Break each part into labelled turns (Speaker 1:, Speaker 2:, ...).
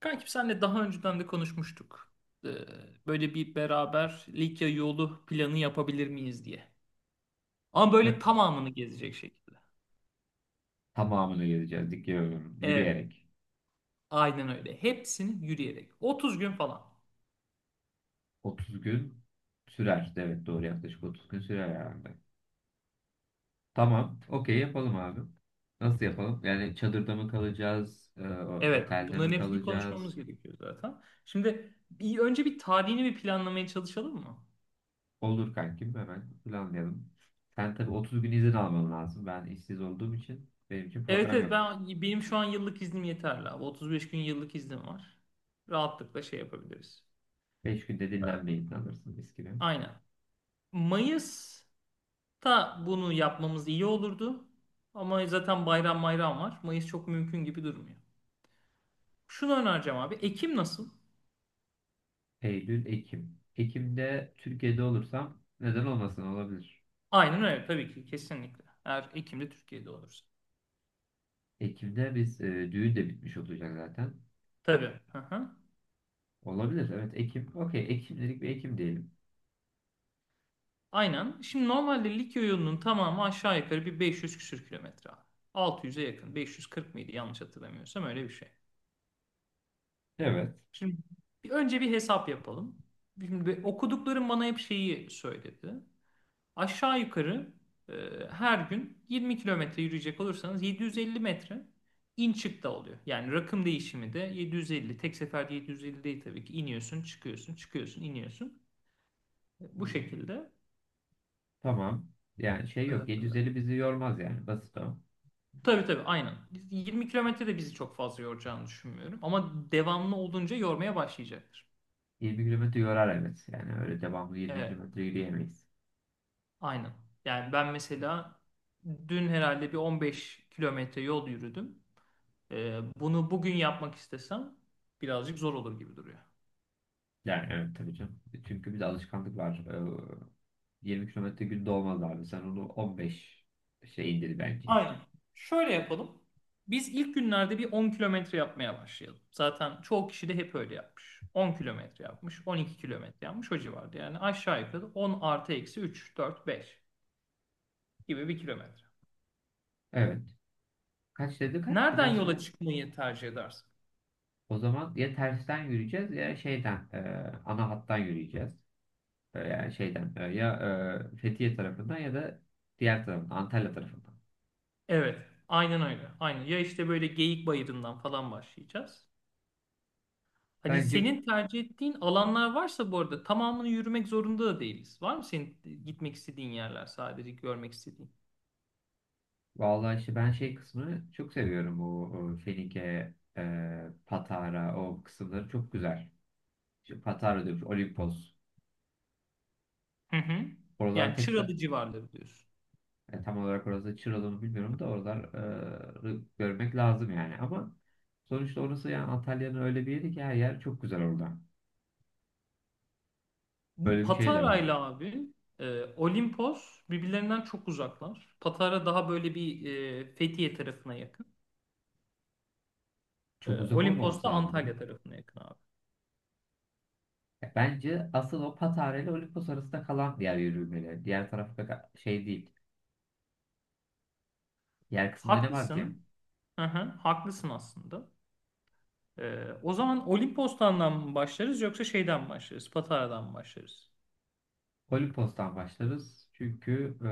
Speaker 1: Kankim senle daha önceden de konuşmuştuk. Ee, Böyle bir beraber Likya yolu planı yapabilir miyiz diye. Ama böyle
Speaker 2: Evet,
Speaker 1: tamamını gezecek şekilde.
Speaker 2: tamamını gezeceğiz. Dikiyorum.
Speaker 1: Evet,
Speaker 2: Yürüyerek.
Speaker 1: aynen öyle. Hepsini yürüyerek. 30 gün falan.
Speaker 2: 30 gün sürer. Evet, doğru, yaklaşık 30 gün sürer herhalde. Tamam. Okey, yapalım abi. Nasıl yapalım? Yani çadırda mı kalacağız,
Speaker 1: Evet,
Speaker 2: otelde
Speaker 1: bunların
Speaker 2: mi
Speaker 1: hepsini konuşmamız
Speaker 2: kalacağız?
Speaker 1: gerekiyor zaten. Şimdi bir, önce bir tarihini bir planlamaya çalışalım mı?
Speaker 2: Olur kankim, hemen planlayalım. Sen tabii 30 gün izin alman lazım. Ben işsiz olduğum için benim için
Speaker 1: Evet
Speaker 2: problem
Speaker 1: evet
Speaker 2: yok.
Speaker 1: benim şu an yıllık iznim yeterli abi. 35 gün yıllık iznim var. Rahatlıkla şey yapabiliriz.
Speaker 2: 5 günde
Speaker 1: Evet.
Speaker 2: dinlenmeyi planlarsın mis gibi.
Speaker 1: Aynen. Mayıs ta bunu yapmamız iyi olurdu. Ama zaten bayram bayram var. Mayıs çok mümkün gibi durmuyor. Şunu önereceğim abi. Ekim nasıl?
Speaker 2: Eylül, Ekim. Ekim'de Türkiye'de olursam neden olmasın, olabilir.
Speaker 1: Aynen öyle, tabii ki kesinlikle. Eğer Ekim'de Türkiye'de olursa.
Speaker 2: Ekim'de biz düğün de bitmiş olacak zaten.
Speaker 1: Tabii. Hı hı.
Speaker 2: Olabilir, evet Ekim. Okey, Ekim'lik bir Ekim diyelim.
Speaker 1: Aynen. Şimdi normalde Likya yolunun tamamı aşağı yukarı bir 500 küsür kilometre abi. 600'e yakın. 540 mıydı yanlış hatırlamıyorsam, öyle bir şey.
Speaker 2: Evet.
Speaker 1: Şimdi bir, önce bir hesap yapalım. Şimdi okuduklarım bana hep şeyi söyledi. Aşağı yukarı e, her gün 20 kilometre yürüyecek olursanız 750 metre in çık da oluyor. Yani rakım değişimi de 750. Tek seferde 750 değil tabii ki. İniyorsun, çıkıyorsun, çıkıyorsun, iniyorsun. Bu şekilde.
Speaker 2: Tamam. Yani şey yok,
Speaker 1: E,
Speaker 2: 750 bizi yormaz yani, basit o.
Speaker 1: tabii, aynen. 20 kilometre de bizi çok fazla yoracağını düşünmüyorum. Ama devamlı olunca yormaya başlayacaktır.
Speaker 2: 20 kilometre yorar evet. Yani öyle devamlı 20
Speaker 1: Evet,
Speaker 2: kilometre yürüyemeyiz.
Speaker 1: aynen. Yani ben mesela dün herhalde bir 15 kilometre yol yürüdüm. Bunu bugün yapmak istesem birazcık zor olur gibi duruyor.
Speaker 2: Yani evet tabii canım. Çünkü bir de alışkanlık var. 20 kilometre günde olmaz abi. Sen onu 15 şey indir bence.
Speaker 1: Aynen. Şöyle yapalım. Biz ilk günlerde bir 10 kilometre yapmaya başlayalım. Zaten çoğu kişi de hep öyle yapmış. 10 kilometre yapmış, 12 kilometre yapmış o civarda. Yani aşağı yukarı 10 artı eksi 3, 4, 5 gibi bir kilometre.
Speaker 2: Evet. Kaç dedi, kaç? Bir
Speaker 1: Nereden
Speaker 2: daha
Speaker 1: yola
Speaker 2: söyle.
Speaker 1: çıkmayı tercih edersin?
Speaker 2: O zaman ya tersten yürüyeceğiz ya ana hattan yürüyeceğiz. Yani ya Fethiye tarafından ya da diğer tarafından, Antalya tarafından.
Speaker 1: Evet, aynen öyle. Aynen. Ya işte böyle Geyik Bayırı'ndan falan başlayacağız. Hani
Speaker 2: Bence
Speaker 1: senin tercih ettiğin alanlar varsa, bu arada tamamını yürümek zorunda da değiliz. Var mı senin gitmek istediğin yerler, sadece görmek istediğin?
Speaker 2: vallahi işte ben şey kısmını çok seviyorum. O, o Fenike, Patara, o kısımları çok güzel. İşte Patara diyormuş, Olimpos.
Speaker 1: Hı hı.
Speaker 2: Oralar
Speaker 1: Yani
Speaker 2: tekrar
Speaker 1: Çıralı civarları diyorsun.
Speaker 2: tam olarak orası Çıralı mı bilmiyorum da oraları görmek lazım yani. Ama sonuçta orası, yani Antalya'nın öyle bir yeri ki, her yer çok güzel orada.
Speaker 1: Bu
Speaker 2: Böyle bir şey de var.
Speaker 1: Patara'yla abi Olimpos birbirlerinden çok uzaklar. Patara daha böyle bir Fethiye tarafına yakın.
Speaker 2: Çok uzak
Speaker 1: Olimpos
Speaker 2: olmaması
Speaker 1: da
Speaker 2: lazım ya.
Speaker 1: Antalya tarafına yakın abi.
Speaker 2: Ya bence asıl o Patara ile Olimpos arasında kalan diğer yürümeleri. Diğer tarafta şey değil. Diğer kısımda ne var ki?
Speaker 1: Haklısın. Hı hı, haklısın aslında. O zaman Olimpos'tan mı başlarız yoksa şeyden mi başlarız? Patara'dan mı başlarız?
Speaker 2: Olimpos'tan başlarız. Çünkü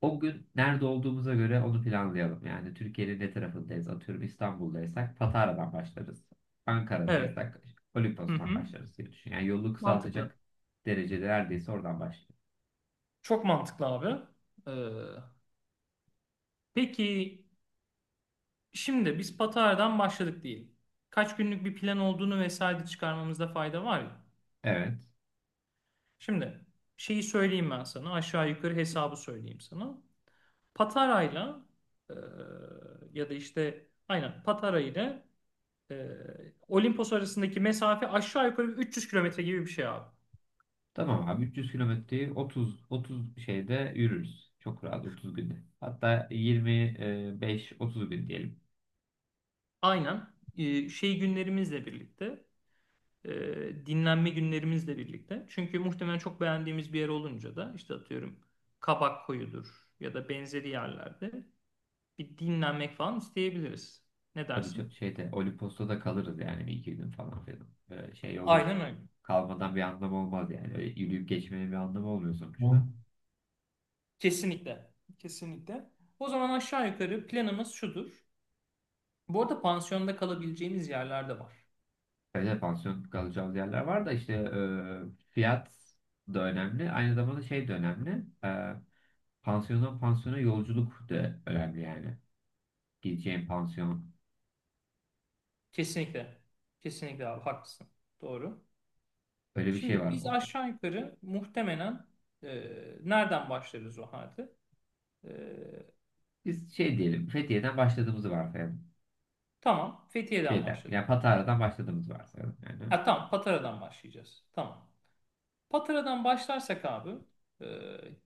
Speaker 2: o gün nerede olduğumuza göre onu planlayalım. Yani Türkiye'nin ne tarafındayız? Atıyorum, İstanbul'daysak Patara'dan başlarız.
Speaker 1: Evet.
Speaker 2: Ankara'daysak
Speaker 1: Hı
Speaker 2: Olimpos'tan
Speaker 1: hı.
Speaker 2: başlarız diye düşün. Yani yolu
Speaker 1: Mantıklı.
Speaker 2: kısaltacak derecede, neredeyse oradan başlayalım.
Speaker 1: Çok mantıklı abi. Ee, peki şimdi biz Patara'dan başladık değil. Kaç günlük bir plan olduğunu vesaire çıkarmamızda fayda var ya.
Speaker 2: Evet.
Speaker 1: Şimdi şeyi söyleyeyim ben sana. Aşağı yukarı hesabı söyleyeyim sana. Patara'yla e, ya da işte aynen Patara ile e, Olimpos arasındaki mesafe aşağı yukarı 300 kilometre gibi bir şey abi.
Speaker 2: Tamam abi, 300 kilometreyi 30 şeyde yürürüz. Çok rahat 30 günde. Hatta 25-30 gün diyelim.
Speaker 1: Aynen. Şey günlerimizle birlikte, e, dinlenme günlerimizle birlikte. Çünkü muhtemelen çok beğendiğimiz bir yer olunca da, işte atıyorum Kabak Koyu'dur ya da benzeri yerlerde bir dinlenmek falan isteyebiliriz. Ne
Speaker 2: Tabii, çok
Speaker 1: dersin?
Speaker 2: şeyde, Olimpos'ta da kalırız yani, bir iki gün falan filan. Böyle şey olur.
Speaker 1: Aynen öyle.
Speaker 2: Kalmadan bir anlam olmaz yani. Öyle yürüyüp geçmenin bir anlamı olmuyor
Speaker 1: Hı.
Speaker 2: sonuçta.
Speaker 1: Kesinlikle. Kesinlikle. O zaman aşağı yukarı planımız şudur. Bu arada pansiyonda kalabileceğimiz yerler de var.
Speaker 2: Öyle pansiyon kalacağımız yerler var da, işte fiyat da önemli. Aynı zamanda şey de önemli. Pansiyondan pansiyona yolculuk da önemli yani. Gideceğin pansiyon.
Speaker 1: Kesinlikle. Kesinlikle abi, haklısın. Doğru.
Speaker 2: Öyle bir şey
Speaker 1: Şimdi
Speaker 2: var.
Speaker 1: biz aşağı yukarı muhtemelen e, nereden başlarız o halde? E,
Speaker 2: Biz şey diyelim, Fethiye'den başladığımızı varsayalım.
Speaker 1: Tamam. Fethiye'den
Speaker 2: Şeyden,
Speaker 1: başladık.
Speaker 2: yani Patara'dan başladığımızı varsayalım yani.
Speaker 1: Ha tamam, Patara'dan başlayacağız. Tamam. Patara'dan başlarsak abi e,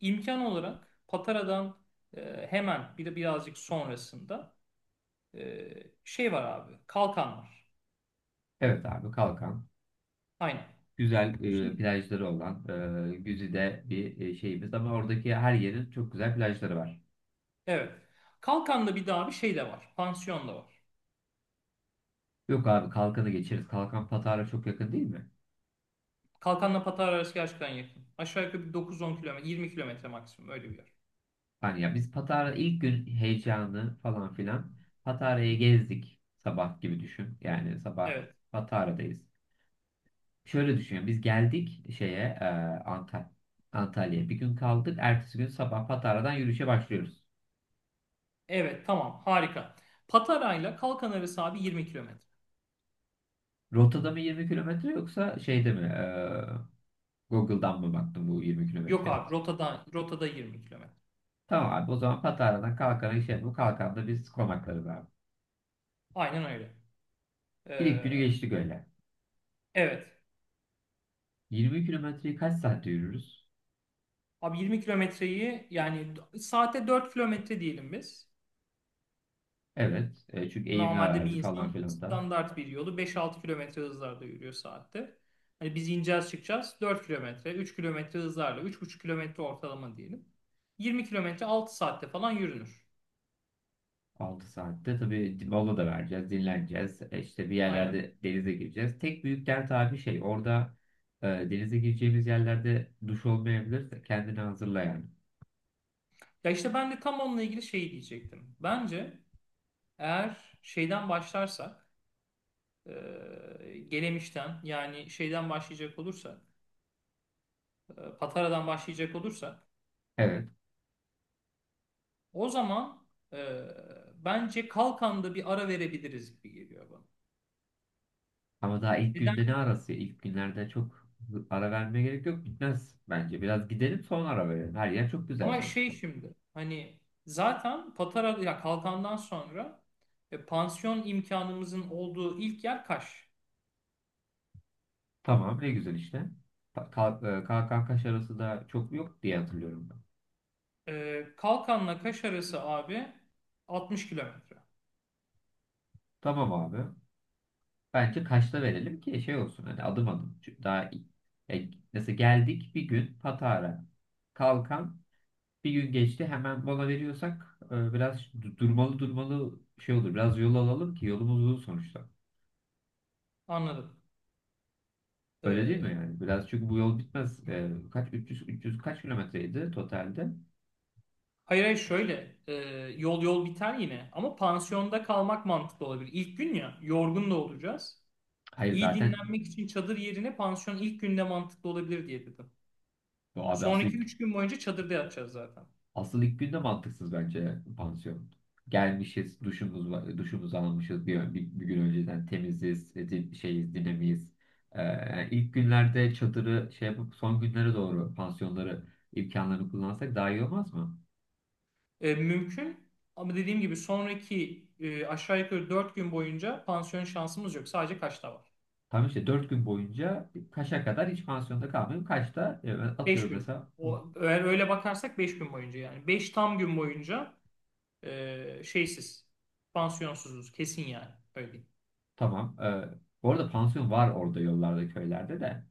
Speaker 1: imkan olarak Patara'dan hemen bir de birazcık sonrasında e, şey var abi. Kalkan var.
Speaker 2: Evet abi, Kalkan.
Speaker 1: Aynen.
Speaker 2: Güzel
Speaker 1: Şimdi,
Speaker 2: plajları olan güzide bir şeyimiz ama oradaki her yerin çok güzel plajları var.
Speaker 1: evet. Kalkan'da bir daha bir şey de var. Pansiyon da var.
Speaker 2: Yok abi, Kalkan'ı geçeriz. Kalkan Patara çok yakın değil mi?
Speaker 1: Kalkan'la Patara arası gerçekten yakın. Aşağı yukarı bir dokuz on kilometre, 20 kilometre maksimum öyle bir yer.
Speaker 2: Hani ya biz Patara ilk gün heyecanı falan filan, Patara'yı gezdik sabah gibi düşün. Yani sabah
Speaker 1: Evet.
Speaker 2: Patara'dayız. Şöyle düşünüyorum. Biz geldik şeye Antalya. Antalya'ya bir gün kaldık. Ertesi gün sabah Patara'dan yürüyüşe başlıyoruz.
Speaker 1: Evet tamam, harika. Patara ile Kalkan arası abi 20 kilometre.
Speaker 2: Rotada mı 20 kilometre yoksa şeyde mi? Google'dan mı baktım bu 20
Speaker 1: Yok
Speaker 2: kilometreye?
Speaker 1: abi, rotada, rotada 20 kilometre.
Speaker 2: Tamam abi, o zaman Patara'dan kalkana şey bu. Kalkanda biz konaklarız abi.
Speaker 1: Aynen öyle.
Speaker 2: İlk
Speaker 1: Ee,
Speaker 2: günü geçtik öyle.
Speaker 1: evet.
Speaker 2: 20 kilometreyi kaç saatte yürürüz?
Speaker 1: Abi 20 kilometreyi yani saate 4 kilometre diyelim biz.
Speaker 2: Evet. Çünkü eğimli
Speaker 1: Normalde bir
Speaker 2: arazi falan
Speaker 1: insan
Speaker 2: filan da.
Speaker 1: standart bir yolu 5-6 kilometre hızlarda yürüyor saatte. Hani biz ineceğiz çıkacağız 4 kilometre, 3 kilometre hızlarla 3,5 kilometre ortalama diyelim. 20 kilometre 6 saatte falan yürünür.
Speaker 2: 6 saatte tabii, mola da vereceğiz, dinleneceğiz. İşte bir
Speaker 1: Aynen.
Speaker 2: yerlerde denize gireceğiz. Tek büyük dert abi, şey orada denize gireceğimiz yerlerde duş olmayabilir. Kendini hazırla yani.
Speaker 1: Ya işte ben de tam onunla ilgili şey diyecektim. Bence eğer şeyden başlarsak, Gelemiş'ten yani şeyden başlayacak olursak, Patara'dan başlayacak olursak
Speaker 2: Evet.
Speaker 1: o zaman e, bence Kalkan'da bir ara verebiliriz gibi geliyor bana.
Speaker 2: Ama daha ilk
Speaker 1: Neden?
Speaker 2: günde ne arası? İlk günlerde çok ara vermeye gerek yok. Bitmez bence. Biraz gidelim sonra ara verelim. Her yer çok güzel
Speaker 1: Ama şey
Speaker 2: sonuçta.
Speaker 1: şimdi hani zaten Patara ya Kalkan'dan sonra pansiyon imkanımızın olduğu ilk yer Kaş.
Speaker 2: Tamam, ne güzel işte. Kalk, kalk, arası da çok yok diye hatırlıyorum ben.
Speaker 1: Kalkan'la Kaş arası abi 60 kilometre.
Speaker 2: Tamam abi. Bence kaçta verelim ki şey olsun, hani adım adım. Çünkü daha iyi. Yani mesela geldik bir gün Patara. Kalkan bir gün geçti hemen mola veriyorsak biraz durmalı şey olur. Biraz yol alalım ki, yolumuz uzun sonuçta.
Speaker 1: Anladım.
Speaker 2: Öyle değil mi
Speaker 1: E,
Speaker 2: yani? Biraz, çünkü bu yol bitmez. Kaç 300 kaç kilometreydi totalde?
Speaker 1: hayır, şöyle yol biter yine ama pansiyonda kalmak mantıklı olabilir. İlk gün ya, yorgun da olacağız.
Speaker 2: Hayır
Speaker 1: İyi
Speaker 2: zaten
Speaker 1: dinlenmek için çadır yerine pansiyon ilk günde mantıklı olabilir diye dedim.
Speaker 2: o abi asıl.
Speaker 1: Sonraki 3 gün boyunca çadırda yatacağız zaten.
Speaker 2: Asıl ilk günde mantıksız bence pansiyon. Gelmişiz, duşumuz var, duşumuzu almışız, bir gün önceden temiziz, şeyiz, dinamiyiz. İlk günlerde çadırı şey yapıp son günlere doğru pansiyonları imkanlarını kullansak daha iyi olmaz mı?
Speaker 1: Mümkün ama dediğim gibi sonraki aşağı yukarı 4 gün boyunca pansiyon şansımız yok. Sadece kaçta var?
Speaker 2: Tam işte 4 gün boyunca kaça kadar hiç pansiyonda kalmayayım. Kaçta
Speaker 1: 5
Speaker 2: atıyorum
Speaker 1: gün.
Speaker 2: mesela
Speaker 1: O, eğer öyle bakarsak 5 gün boyunca, yani 5 tam gün boyunca şeysiz, pansiyonsuzuz kesin yani. Öyle diyeyim.
Speaker 2: tamam. Bu arada pansiyon var orada yollarda, köylerde de.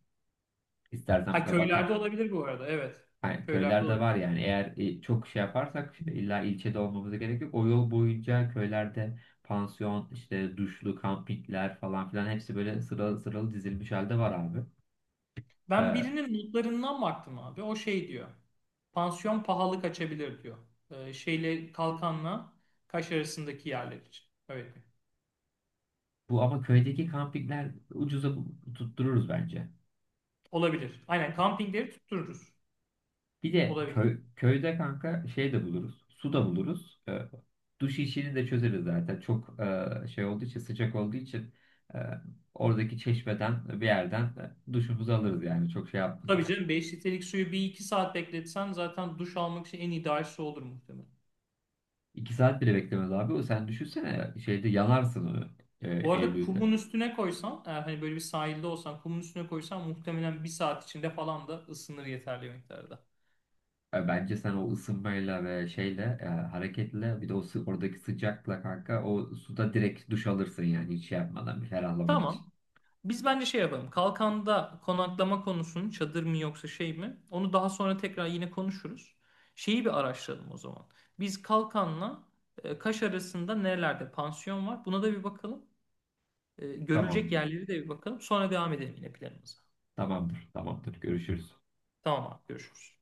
Speaker 2: İstersen
Speaker 1: Ha
Speaker 2: bak.
Speaker 1: köylerde olabilir bu arada, evet.
Speaker 2: Yani
Speaker 1: Köylerde
Speaker 2: köylerde var
Speaker 1: olabilir.
Speaker 2: yani, eğer çok şey yaparsak illa ilçede olmamıza gerek yok. O yol boyunca köylerde pansiyon, işte duşlu, kampikler falan filan hepsi böyle sıralı sıralı dizilmiş halde var abi.
Speaker 1: Ben
Speaker 2: Ee,
Speaker 1: birinin notlarından baktım abi. O şey diyor. Pansiyon pahalı kaçabilir diyor. Şeyle Kalkan'la Kaş arasındaki yerler için. Öyle diyor.
Speaker 2: bu ama köydeki kampikler ucuza tuttururuz bence.
Speaker 1: Olabilir. Aynen kampingleri tuttururuz.
Speaker 2: Bir de
Speaker 1: Olabilir.
Speaker 2: köyde kanka şey de buluruz. Su da buluruz. Duş işini de çözeriz zaten. Çok şey olduğu için, sıcak olduğu için e, oradaki çeşmeden bir yerden duşumuzu alırız yani. Çok şey yapmaz.
Speaker 1: Tabii canım, beş litrelik suyu bir iki saat bekletsen zaten duş almak için en ideal su olur muhtemelen.
Speaker 2: 2 saat bile beklemez abi. O, sen düşünsene, şeyde yanarsın onu e,
Speaker 1: Bu arada
Speaker 2: Eylül'de.
Speaker 1: kumun üstüne koysan, eğer hani böyle bir sahilde olsan kumun üstüne koysan muhtemelen bir saat içinde falan da ısınır yeterli miktarda.
Speaker 2: Bence sen o ısınmayla ve şeyle hareketle bir de oradaki sıcakla kanka o suda direkt duş alırsın yani, hiç şey yapmadan, bir ferahlamak için.
Speaker 1: Tamam. Biz bence şey yapalım. Kalkanda konaklama konusunu çadır mı yoksa şey mi? Onu daha sonra tekrar yine konuşuruz. Şeyi bir araştıralım o zaman. Biz Kalkan'la Kaş arasında nerelerde pansiyon var? Buna da bir bakalım. Görülecek
Speaker 2: Tamamdır.
Speaker 1: yerleri de bir bakalım. Sonra devam edelim yine planımıza.
Speaker 2: Tamamdır. Tamamdır. Görüşürüz.
Speaker 1: Tamam abi, görüşürüz.